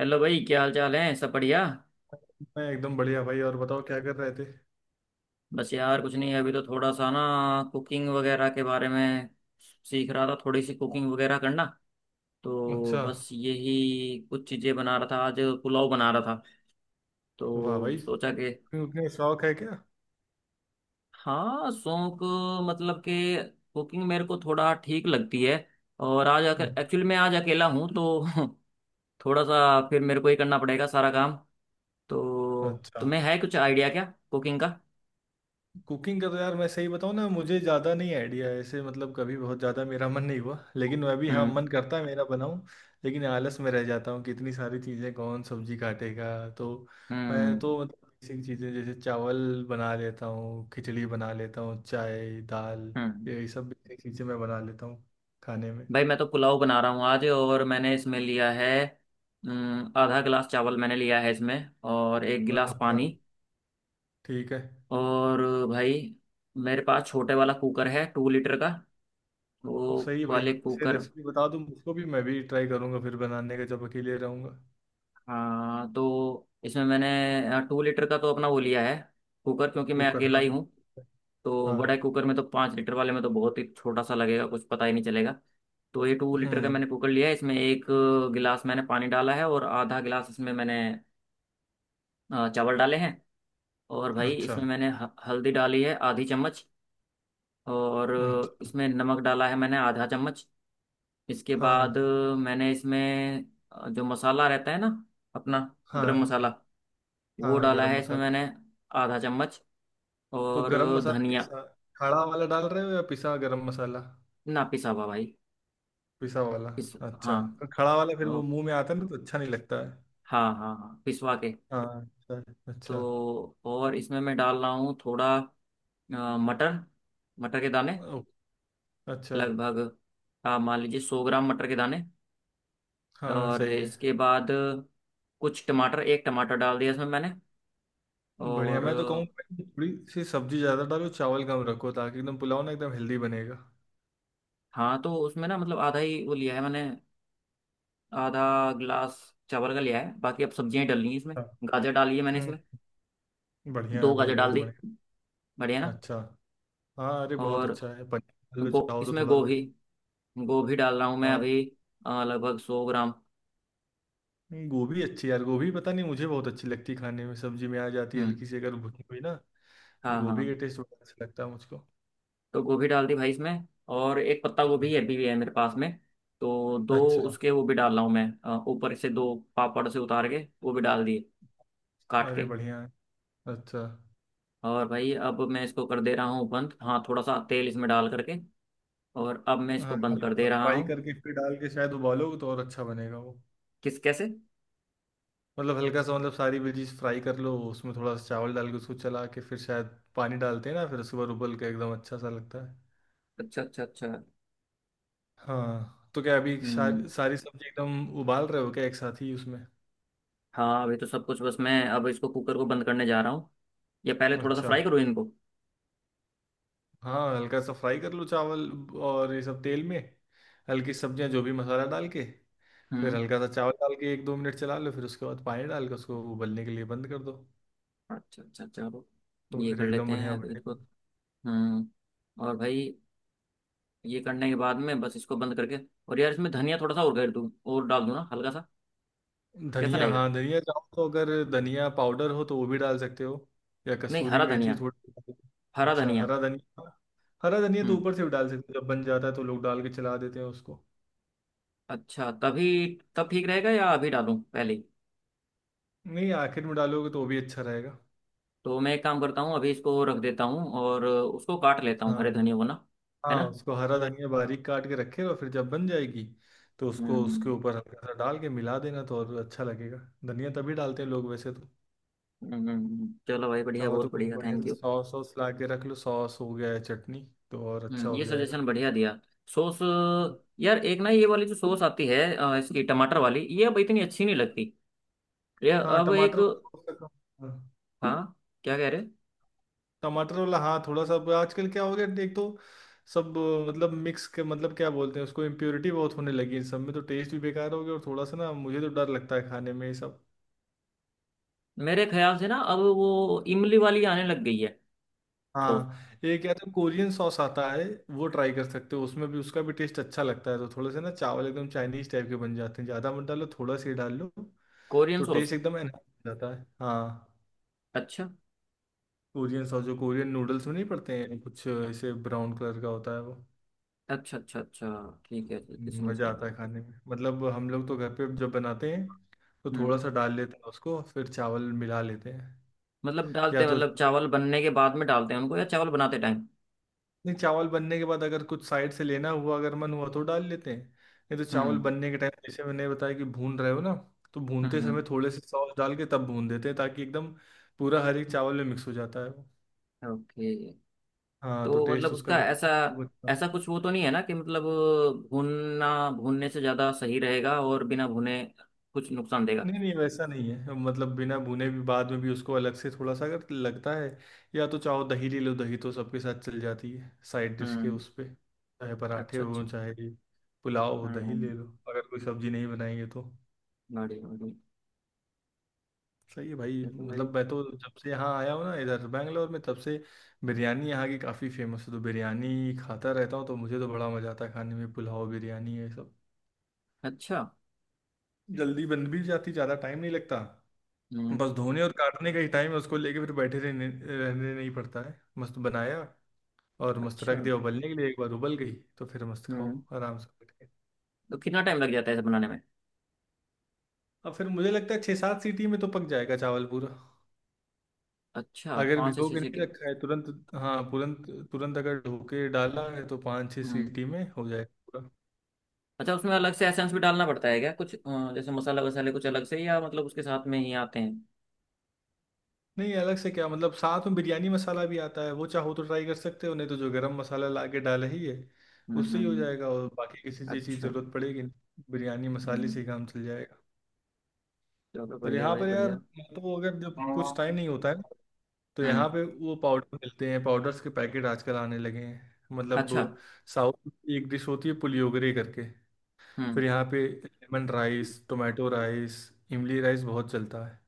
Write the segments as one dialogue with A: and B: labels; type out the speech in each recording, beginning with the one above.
A: Hello भाई, क्या हाल चाल है? सब बढ़िया।
B: मैं एकदम बढ़िया भाई। और बताओ क्या कर रहे थे।
A: बस यार कुछ नहीं, अभी तो थोड़ा सा ना कुकिंग वगैरह के बारे में सीख रहा था, थोड़ी सी कुकिंग वगैरह करना। तो
B: अच्छा।
A: बस यही कुछ चीज़ें बना रहा था आज। पुलाव बना रहा था
B: वाह
A: तो
B: भाई।
A: सोचा कि
B: तुम्हें शौक है क्या?
A: हाँ, शौक। मतलब कि कुकिंग मेरे को थोड़ा ठीक लगती है। और आज आकर एक्चुअली मैं आज अकेला हूँ तो थोड़ा सा फिर मेरे को ही करना पड़ेगा सारा काम। तो
B: अच्छा।
A: तुम्हें है कुछ आइडिया क्या कुकिंग का?
B: कुकिंग का तो यार मैं सही बताऊँ ना, मुझे ज़्यादा नहीं आइडिया है ऐसे। मतलब कभी बहुत ज़्यादा मेरा मन नहीं हुआ, लेकिन मैं भी हाँ,
A: हम्म।
B: मन करता है मेरा बनाऊँ। लेकिन आलस में रह जाता हूँ कि इतनी सारी चीज़ें, कौन सब्जी काटेगा तो। मैं
A: हम्म।
B: तो मतलब बेसिक चीज़ें जैसे चावल बना लेता हूँ, खिचड़ी बना लेता हूँ, चाय, दाल,
A: हम्म।
B: यही सब बेसिक चीज़ें मैं बना लेता हूँ खाने में।
A: भाई मैं तो पुलाव बना रहा हूँ आज, और मैंने इसमें लिया है आधा गिलास चावल मैंने लिया है इसमें। और एक गिलास
B: अच्छा।
A: पानी।
B: ठीक है।
A: और भाई, मेरे पास छोटे वाला कुकर है, टू लीटर का वो
B: सही है भाई।
A: वाले
B: आपसे
A: कुकर।
B: रेसिपी बता दूँ उसको भी, मैं भी ट्राई करूंगा फिर बनाने का जब अकेले रहूंगा।
A: हाँ, तो इसमें मैंने 2 लीटर का तो अपना वो लिया है कुकर, क्योंकि मैं
B: कुकर
A: अकेला
B: हाँ।
A: ही हूँ। तो बड़े
B: हाँ।
A: कुकर में तो, 5 लीटर वाले में तो बहुत ही छोटा सा लगेगा, कुछ पता ही नहीं चलेगा। तो ये 2 लीटर का
B: हम्म।
A: मैंने कुकर लिया है। इसमें एक गिलास मैंने पानी डाला है, और आधा गिलास इसमें मैंने चावल डाले हैं। और भाई
B: अच्छा।
A: इसमें मैंने हल्दी डाली है आधी चम्मच। और
B: अच्छा।
A: इसमें नमक डाला है मैंने आधा चम्मच। इसके बाद
B: हाँ,
A: मैंने इसमें जो मसाला रहता है ना अपना, गरम
B: हाँ,
A: मसाला, वो
B: हाँ।
A: डाला
B: गरम
A: है इसमें
B: मसाला।
A: मैंने आधा चम्मच।
B: तो
A: और
B: गरम मसाला
A: धनिया।
B: कैसा? खड़ा वाला डाल रहे हो या पिसा गरम मसाला?
A: ना, पिसा हुआ भाई।
B: पिसा वाला।
A: पिस
B: अच्छा।
A: हाँ।
B: तो खड़ा वाला फिर
A: ओ,
B: वो मुंह में आता है ना, तो अच्छा नहीं लगता है।
A: हाँ हाँ हाँ, पिसवा के।
B: हाँ। अच्छा। अच्छा।
A: तो और इसमें मैं डाल रहा हूँ थोड़ा मटर, मटर के दाने।
B: ओ, अच्छा।
A: लगभग, आप मान लीजिए, 100 ग्राम मटर के दाने।
B: हाँ,
A: और
B: सही है।
A: इसके बाद कुछ टमाटर, एक टमाटर डाल दिया इसमें मैंने।
B: बढ़िया।
A: और
B: मैं तो कहूँगा थोड़ी सी सब्जी ज़्यादा डालो, चावल कम रखो, ताकि एकदम पुलाव ना, एकदम हेल्दी बनेगा।
A: हाँ, तो उसमें ना मतलब आधा ही वो लिया है मैंने, आधा गिलास चावल का लिया है, बाकी अब सब्जियां ही डालनी है इसमें। गाजर डाली है मैंने
B: हाँ।
A: इसमें,
B: बढ़िया
A: दो
B: है भाई,
A: गाजर डाल
B: बहुत
A: दी।
B: बढ़िया।
A: बढ़िया ना।
B: अच्छा। हाँ, अरे बहुत
A: और
B: अच्छा है। पनीर लो
A: गो
B: चाहो तो,
A: इसमें
B: थोड़ा लग
A: गोभी, गोभी डाल रहा हूँ मैं
B: हाँ।
A: अभी, लगभग 100 ग्राम।
B: नहीं, गोभी अच्छी है यार। गोभी पता नहीं मुझे बहुत अच्छी लगती है खाने में, सब्जी में आ जाती है
A: हम्म।
B: हल्की सी अगर भुनी हुई ना। तो
A: हाँ
B: गोभी
A: हाँ,
B: का टेस्ट बड़ा अच्छा लगता है मुझको।
A: तो गोभी डाल दी भाई इसमें। और एक पत्ता
B: हाँ।
A: गोभी अभी भी है मेरे पास में, तो दो
B: अच्छा।
A: उसके वो भी डाल रहा हूँ मैं। ऊपर से दो पापड़ से उतार के वो भी डाल दिए, काट
B: अरे
A: के।
B: बढ़िया है। अच्छा।
A: और भाई अब मैं इसको कर दे रहा हूँ बंद, हाँ थोड़ा सा तेल इसमें डाल करके। और अब मैं इसको
B: हाँ,
A: बंद कर
B: हल्का
A: दे
B: सा
A: रहा
B: फ्राई
A: हूँ।
B: करके फिर डाल के शायद उबालोगे तो और अच्छा बनेगा वो।
A: किस, कैसे?
B: मतलब हल्का सा, मतलब सारी वेजीज फ्राई कर लो, उसमें थोड़ा सा चावल डाल के उसको चला के फिर शायद पानी डालते हैं ना, फिर उसके बाद उबल के एकदम अच्छा सा लगता है।
A: अच्छा अच्छा अच्छा।
B: हाँ, तो क्या अभी
A: हम्म।
B: सारी सारी सब्जी एकदम उबाल रहे हो क्या, एक साथ ही उसमें?
A: हाँ, अभी तो सब कुछ बस, मैं अब इसको कुकर को बंद करने जा रहा हूँ। ये पहले थोड़ा सा
B: अच्छा।
A: फ्राई करो इनको।
B: हाँ, हल्का सा फ्राई कर लो चावल और ये सब तेल में, हल्की सब्जियां जो भी मसाला डाल के। फिर
A: हम्म।
B: हल्का सा चावल डाल के एक दो मिनट चला लो, फिर उसके बाद पानी डाल के उसको उबलने के लिए बंद कर दो।
A: अच्छा अच्छा, चलो।
B: तो
A: ये
B: फिर
A: कर
B: एकदम
A: लेते हैं
B: बढ़िया
A: अब इनको।
B: बढ़ेगा।
A: हम्म। और भाई ये करने के बाद में बस इसको बंद करके, और यार इसमें धनिया थोड़ा सा और कर दूँ, और डाल दूँ ना हल्का सा। कैसा
B: धनिया,
A: रहेगा?
B: हाँ, धनिया चाहो तो अगर धनिया पाउडर हो तो वो भी डाल सकते हो, या
A: नहीं,
B: कसूरी
A: हरा
B: मेथी
A: धनिया।
B: थोड़ी।
A: हरा
B: अच्छा,
A: धनिया।
B: हरा धनिया, हाँ, हरा धनिया तो
A: हम्म।
B: ऊपर से भी डाल सकते हो, जब बन जाता है तो लोग डाल के चला देते हैं उसको।
A: अच्छा तभी तब ठीक रहेगा या अभी डालूं पहले ही?
B: नहीं, आखिर में डालोगे तो वो भी अच्छा रहेगा।
A: तो मैं एक काम करता हूँ, अभी इसको रख देता हूँ और उसको काट लेता हूँ हरे
B: हाँ।
A: धनिया को ना। है
B: हाँ,
A: ना।
B: उसको हरा धनिया बारीक काट के रखे और फिर जब बन जाएगी, तो उसको
A: हम्म,
B: उसके ऊपर हल्का सा डाल के मिला देना तो और अच्छा लगेगा। धनिया तभी डालते हैं लोग वैसे तो।
A: चलो भाई बढ़िया,
B: चाहो तो
A: बहुत
B: कुछ
A: बढ़िया,
B: बढ़िया
A: थैंक
B: से
A: यू।
B: सॉस सॉस ला के रख लो, सॉस हो गया है, चटनी, तो और अच्छा
A: हम्म,
B: हो
A: ये
B: जाएगा।
A: सजेशन बढ़िया दिया। सॉस। यार, एक ना ये वाली जो सॉस आती है इसकी टमाटर वाली, ये अब इतनी अच्छी नहीं लगती। ये
B: हाँ,
A: अब एक।
B: टमाटर वाला हो सका। हाँ,
A: हाँ। क्या कह रहे?
B: टमाटर वाला, हाँ, थोड़ा सा। आजकल क्या हो गया, एक तो सब मतलब मिक्स के, मतलब क्या बोलते हैं उसको, इम्प्योरिटी बहुत होने लगी है सब में, तो टेस्ट भी बेकार हो गया और थोड़ा सा ना, मुझे तो डर लगता है खाने में ये सब।
A: मेरे ख्याल से ना अब वो इमली वाली आने लग गई है सॉस।
B: हाँ। एक या तो कोरियन सॉस आता है, वो ट्राई कर सकते हो, उसमें भी उसका भी टेस्ट अच्छा लगता है, तो थोड़े से ना चावल एकदम चाइनीज टाइप के बन जाते हैं, ज़्यादा मत डालो, थोड़ा सा ही डाल लो।
A: कोरियन
B: तो
A: सॉस।
B: टेस्ट एकदम एनहांस हो जाता है, हाँ।
A: अच्छा
B: कोरियन सॉस जो कोरियन नूडल्स में नहीं पड़ते हैं, कुछ ऐसे ब्राउन कलर का होता है वो।
A: अच्छा अच्छा, अच्छा ठीक है, ठीक है, समझ
B: मज़ा
A: गया
B: आता
A: मैं।
B: है खाने में, मतलब हम लोग तो घर पे जब बनाते हैं तो थोड़ा
A: हम्म।
B: सा डाल लेते हैं उसको फिर चावल मिला लेते हैं।
A: मतलब डालते
B: या
A: हैं
B: तो,
A: मतलब चावल बनने के बाद में डालते हैं उनको या चावल बनाते टाइम?
B: नहीं, चावल बनने के बाद अगर कुछ साइड से लेना हुआ, अगर मन हुआ तो डाल लेते हैं। नहीं तो चावल
A: हम्म।
B: बनने के टाइम जैसे मैंने बताया कि भून रहे हो ना, तो भूनते समय
A: हम्म।
B: थोड़े से सॉस डाल के तब भून देते हैं, ताकि एकदम पूरा हर एक चावल में मिक्स हो जाता है वो।
A: ओके।
B: हाँ, तो
A: तो मतलब
B: टेस्ट उसका
A: उसका
B: भी
A: ऐसा,
B: खूब अच्छा।
A: ऐसा कुछ वो तो नहीं है ना कि मतलब भूनना, भूनने से ज़्यादा सही रहेगा और बिना भुने कुछ नुकसान देगा?
B: नहीं, नहीं, वैसा नहीं है, मतलब बिना भुने भी, बाद में भी उसको अलग से थोड़ा सा अगर लगता है, या तो चाहो दही ले लो, दही तो सबके साथ चल जाती है साइड डिश के,
A: हम्म।
B: उस पे चाहे पराठे
A: अच्छा अच्छा।
B: हो चाहे पुलाव हो, दही
A: हम्म।
B: ले लो अगर कोई सब्जी नहीं बनाएंगे तो।
A: बढ़िया बढ़िया।
B: सही है भाई।
A: चलो भाई।
B: मतलब मैं तो जब से यहाँ आया हूँ ना इधर बैंगलोर में, तब से बिरयानी यहाँ की काफ़ी फेमस है तो बिरयानी खाता रहता हूँ, तो मुझे तो बड़ा मज़ा आता है खाने में पुलाव, बिरयानी, ये सब।
A: अच्छा।
B: जल्दी बन भी जाती, ज़्यादा टाइम नहीं लगता।
A: हम्म।
B: बस धोने और काटने का ही टाइम है उसको लेके, फिर बैठे रहने रहने नहीं पड़ता है, मस्त बनाया और मस्त
A: अच्छा।
B: रख दिया उबलने के लिए, एक बार उबल गई तो फिर मस्त खाओ
A: हम्म।
B: आराम से बैठ के।
A: तो कितना टाइम लग जाता है इसे बनाने में?
B: अब फिर मुझे लगता है 6-7 सीटी में तो पक जाएगा चावल पूरा,
A: अच्छा,
B: अगर
A: पाँच से
B: भिगो
A: छः
B: के नहीं
A: सीटी।
B: रखा है तुरंत। हाँ, तुरंत। तुरंत अगर धो के डाला है तो पाँच छः
A: हम्म।
B: सीटी में हो जाएगा पूरा।
A: अच्छा, उसमें अलग से एसेंस भी डालना पड़ता है क्या कुछ? जैसे मसाला वसाले कुछ अलग से, या मतलब उसके साथ में ही आते हैं?
B: नहीं, अलग से क्या मतलब, साथ में बिरयानी मसाला भी आता है, वो चाहो तो ट्राई कर सकते हो, नहीं तो जो गरम मसाला ला के डाला ही है
A: हम्म
B: उससे
A: हम्म,
B: ही हो
A: हम्म।
B: जाएगा और बाकी किसी चीज़ की
A: अच्छा।
B: जरूरत पड़ेगी नहीं। बिरयानी मसाले
A: हम्म।
B: से ही काम चल जाएगा।
A: चलो
B: और
A: बढ़िया
B: यहाँ
A: भाई,
B: पर यार,
A: बढ़िया।
B: तो अगर जब कुछ
A: हम्म।
B: टाइम नहीं होता है तो यहाँ पे वो पाउडर मिलते हैं, पाउडर्स के पैकेट आजकल आने लगे हैं।
A: अच्छा।
B: मतलब साउथ की एक डिश होती है पुलियोगरे करके,
A: हम्म।
B: फिर यहाँ पे लेमन राइस, टोमेटो राइस, इमली राइस बहुत चलता है।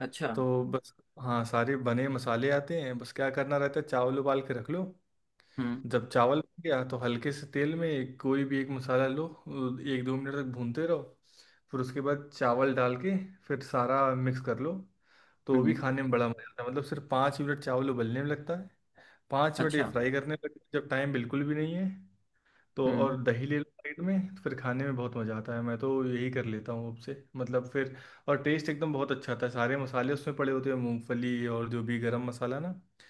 A: अच्छा।
B: तो बस, हाँ सारे बने मसाले आते हैं, बस क्या करना रहता है, चावल उबाल के रख लो।
A: हम्म।
B: जब चावल बन गया तो हल्के से तेल में कोई भी एक मसाला लो, 1-2 मिनट तक भूनते रहो। फिर उसके बाद चावल डाल के फिर सारा मिक्स कर लो। तो वो भी
A: हम्म।
B: खाने में बड़ा मज़ा आता है, मतलब सिर्फ 5 मिनट चावल उबलने में लगता है, 5 मिनट ये
A: अच्छा।
B: फ्राई करने में लगता है जब टाइम बिल्कुल भी नहीं है। तो
A: हम्म।
B: और दही ले लो साइड में, फिर खाने में बहुत मज़ा आता है, मैं तो यही कर लेता हूँ अब से मतलब फिर। और टेस्ट एकदम बहुत अच्छा आता है, सारे मसाले उसमें पड़े होते हैं, मूंगफली और जो भी गरम मसाला ना। तो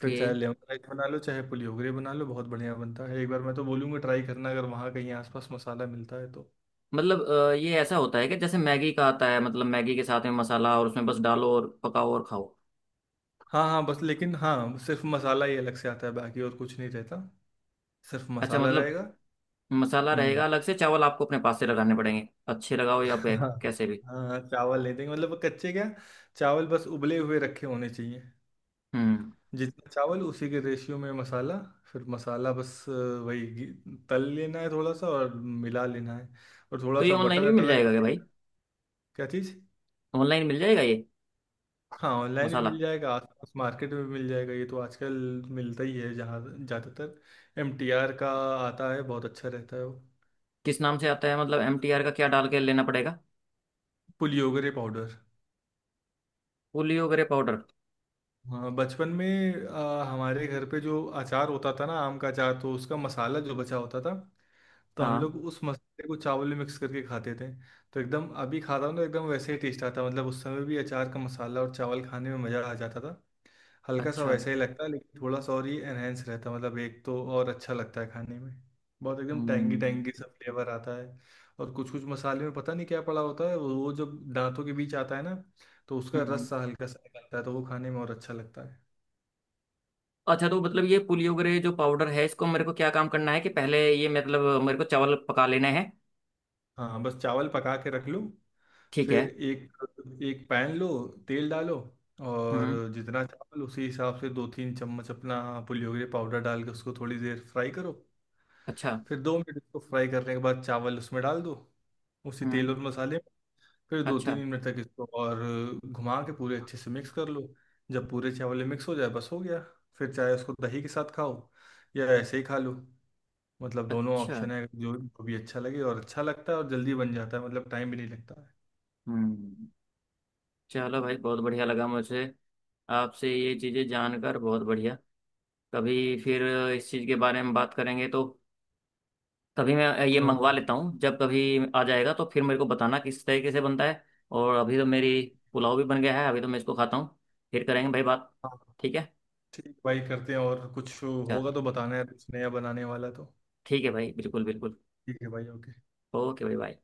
B: फिर चाहे लेमन राइस बना लो चाहे पुली होगरे बना लो, बहुत बढ़िया बनता है, एक बार मैं तो बोलूँगा ट्राई करना अगर वहाँ कहीं आसपास मसाला मिलता है तो।
A: मतलब ये ऐसा होता है कि जैसे मैगी का आता है, मतलब मैगी के साथ में मसाला, और उसमें बस डालो और पकाओ और खाओ।
B: हाँ, हाँ, बस लेकिन हाँ सिर्फ मसाला ही अलग से आता है, बाकी और कुछ नहीं रहता, सिर्फ
A: अच्छा,
B: मसाला
A: मतलब
B: रहेगा।
A: मसाला रहेगा
B: हम्म।
A: अलग से, चावल आपको अपने पास से लगाने पड़ेंगे, अच्छे लगाओ या
B: हाँ,
A: बैक, कैसे भी।
B: हाँ, चावल नहीं देंगे मतलब वो कच्चे क्या। चावल बस उबले हुए रखे होने चाहिए,
A: हम्म।
B: जितना चावल उसी के रेशियो में मसाला, फिर मसाला बस वही तल लेना है थोड़ा सा और मिला लेना है। और थोड़ा
A: तो ये
B: सा
A: ऑनलाइन
B: बटर
A: भी
B: अटर
A: मिल
B: अगर
A: जाएगा क्या भाई?
B: देना। क्या चीज़?
A: ऑनलाइन मिल जाएगा ये
B: हाँ, ऑनलाइन भी
A: मसाला?
B: मिल जाएगा, आसपास मार्केट में भी मिल जाएगा, ये तो आजकल मिलता ही है जहाँ ज़्यादातर MTR का आता है, बहुत अच्छा रहता है वो।
A: किस नाम से आता है मतलब, MTR का क्या डाल के लेना पड़ेगा?
B: Puliyogare powder.
A: Puliyogare powder.
B: हाँ, बचपन में हमारे घर पे जो अचार होता था ना, आम का अचार, तो उसका मसाला जो बचा होता था, तो हम
A: हाँ।
B: लोग उस मसाले को चावल में मिक्स करके खाते थे। तो एकदम अभी खाता हूँ तो एकदम वैसे ही टेस्ट आता है। मतलब उस समय भी अचार का मसाला और चावल खाने में मज़ा आ जाता था। हल्का सा
A: अच्छा।
B: वैसा ही लगता है लेकिन थोड़ा सा और ये एनहेंस रहता है, मतलब एक तो और अच्छा लगता है खाने में। बहुत एकदम टैंगी
A: हम्म,
B: टैंगी सा फ्लेवर आता है। और कुछ कुछ मसाले में पता नहीं क्या पड़ा होता है, वो जब दांतों के बीच आता है ना, तो उसका
A: हम्म,
B: रस सा हल्का सा निकलता है, तो वो खाने में और अच्छा लगता।
A: अच्छा, तो मतलब ये पुलियो ग्रे जो पाउडर है, इसको मेरे को क्या काम करना है कि पहले ये मतलब मेरे को चावल पका लेने हैं?
B: हाँ, हाँ, बस चावल पका के रख लो।
A: ठीक है।
B: फिर एक एक पैन लो, तेल डालो, और
A: हम्म।
B: जितना चावल उसी हिसाब से 2-3 चम्मच अपना पुलियोगरे पाउडर डाल के उसको थोड़ी देर फ्राई करो।
A: अच्छा।
B: फिर 2 मिनट इसको फ्राई करने के बाद चावल उसमें डाल दो, उसी
A: हम्म।
B: तेल और मसाले में। फिर दो तीन
A: अच्छा
B: मिनट तक इसको और घुमा के पूरे अच्छे से मिक्स कर लो। जब पूरे चावल मिक्स हो जाए बस हो गया, फिर चाहे उसको दही के साथ खाओ या ऐसे ही खा लो, मतलब दोनों
A: अच्छा।
B: ऑप्शन है जो जो भी अच्छा लगे, और अच्छा लगता है और जल्दी बन जाता है, मतलब टाइम भी नहीं लगता है।
A: हम्म। चलो भाई, बहुत बढ़िया लगा मुझे आपसे ये चीज़ें जानकर। बहुत बढ़िया। कभी फिर इस चीज़ के बारे में बात करेंगे तो, तभी मैं ये
B: हाँ।
A: मंगवा लेता हूँ, जब कभी आ जाएगा तो फिर मेरे को बताना किस तरीके से बनता है। और अभी तो मेरी पुलाव भी बन गया है, अभी तो मैं इसको खाता हूँ। फिर करेंगे भाई बात।
B: हाँ,
A: ठीक है।
B: ठीक है भाई, करते हैं, और कुछ
A: चलो,
B: होगा तो बताना है, पूछने या बनाने वाला तो।
A: ठीक है भाई, बिल्कुल बिल्कुल।
B: ठीक है भाई, ओके।
A: ओके भाई, बाय।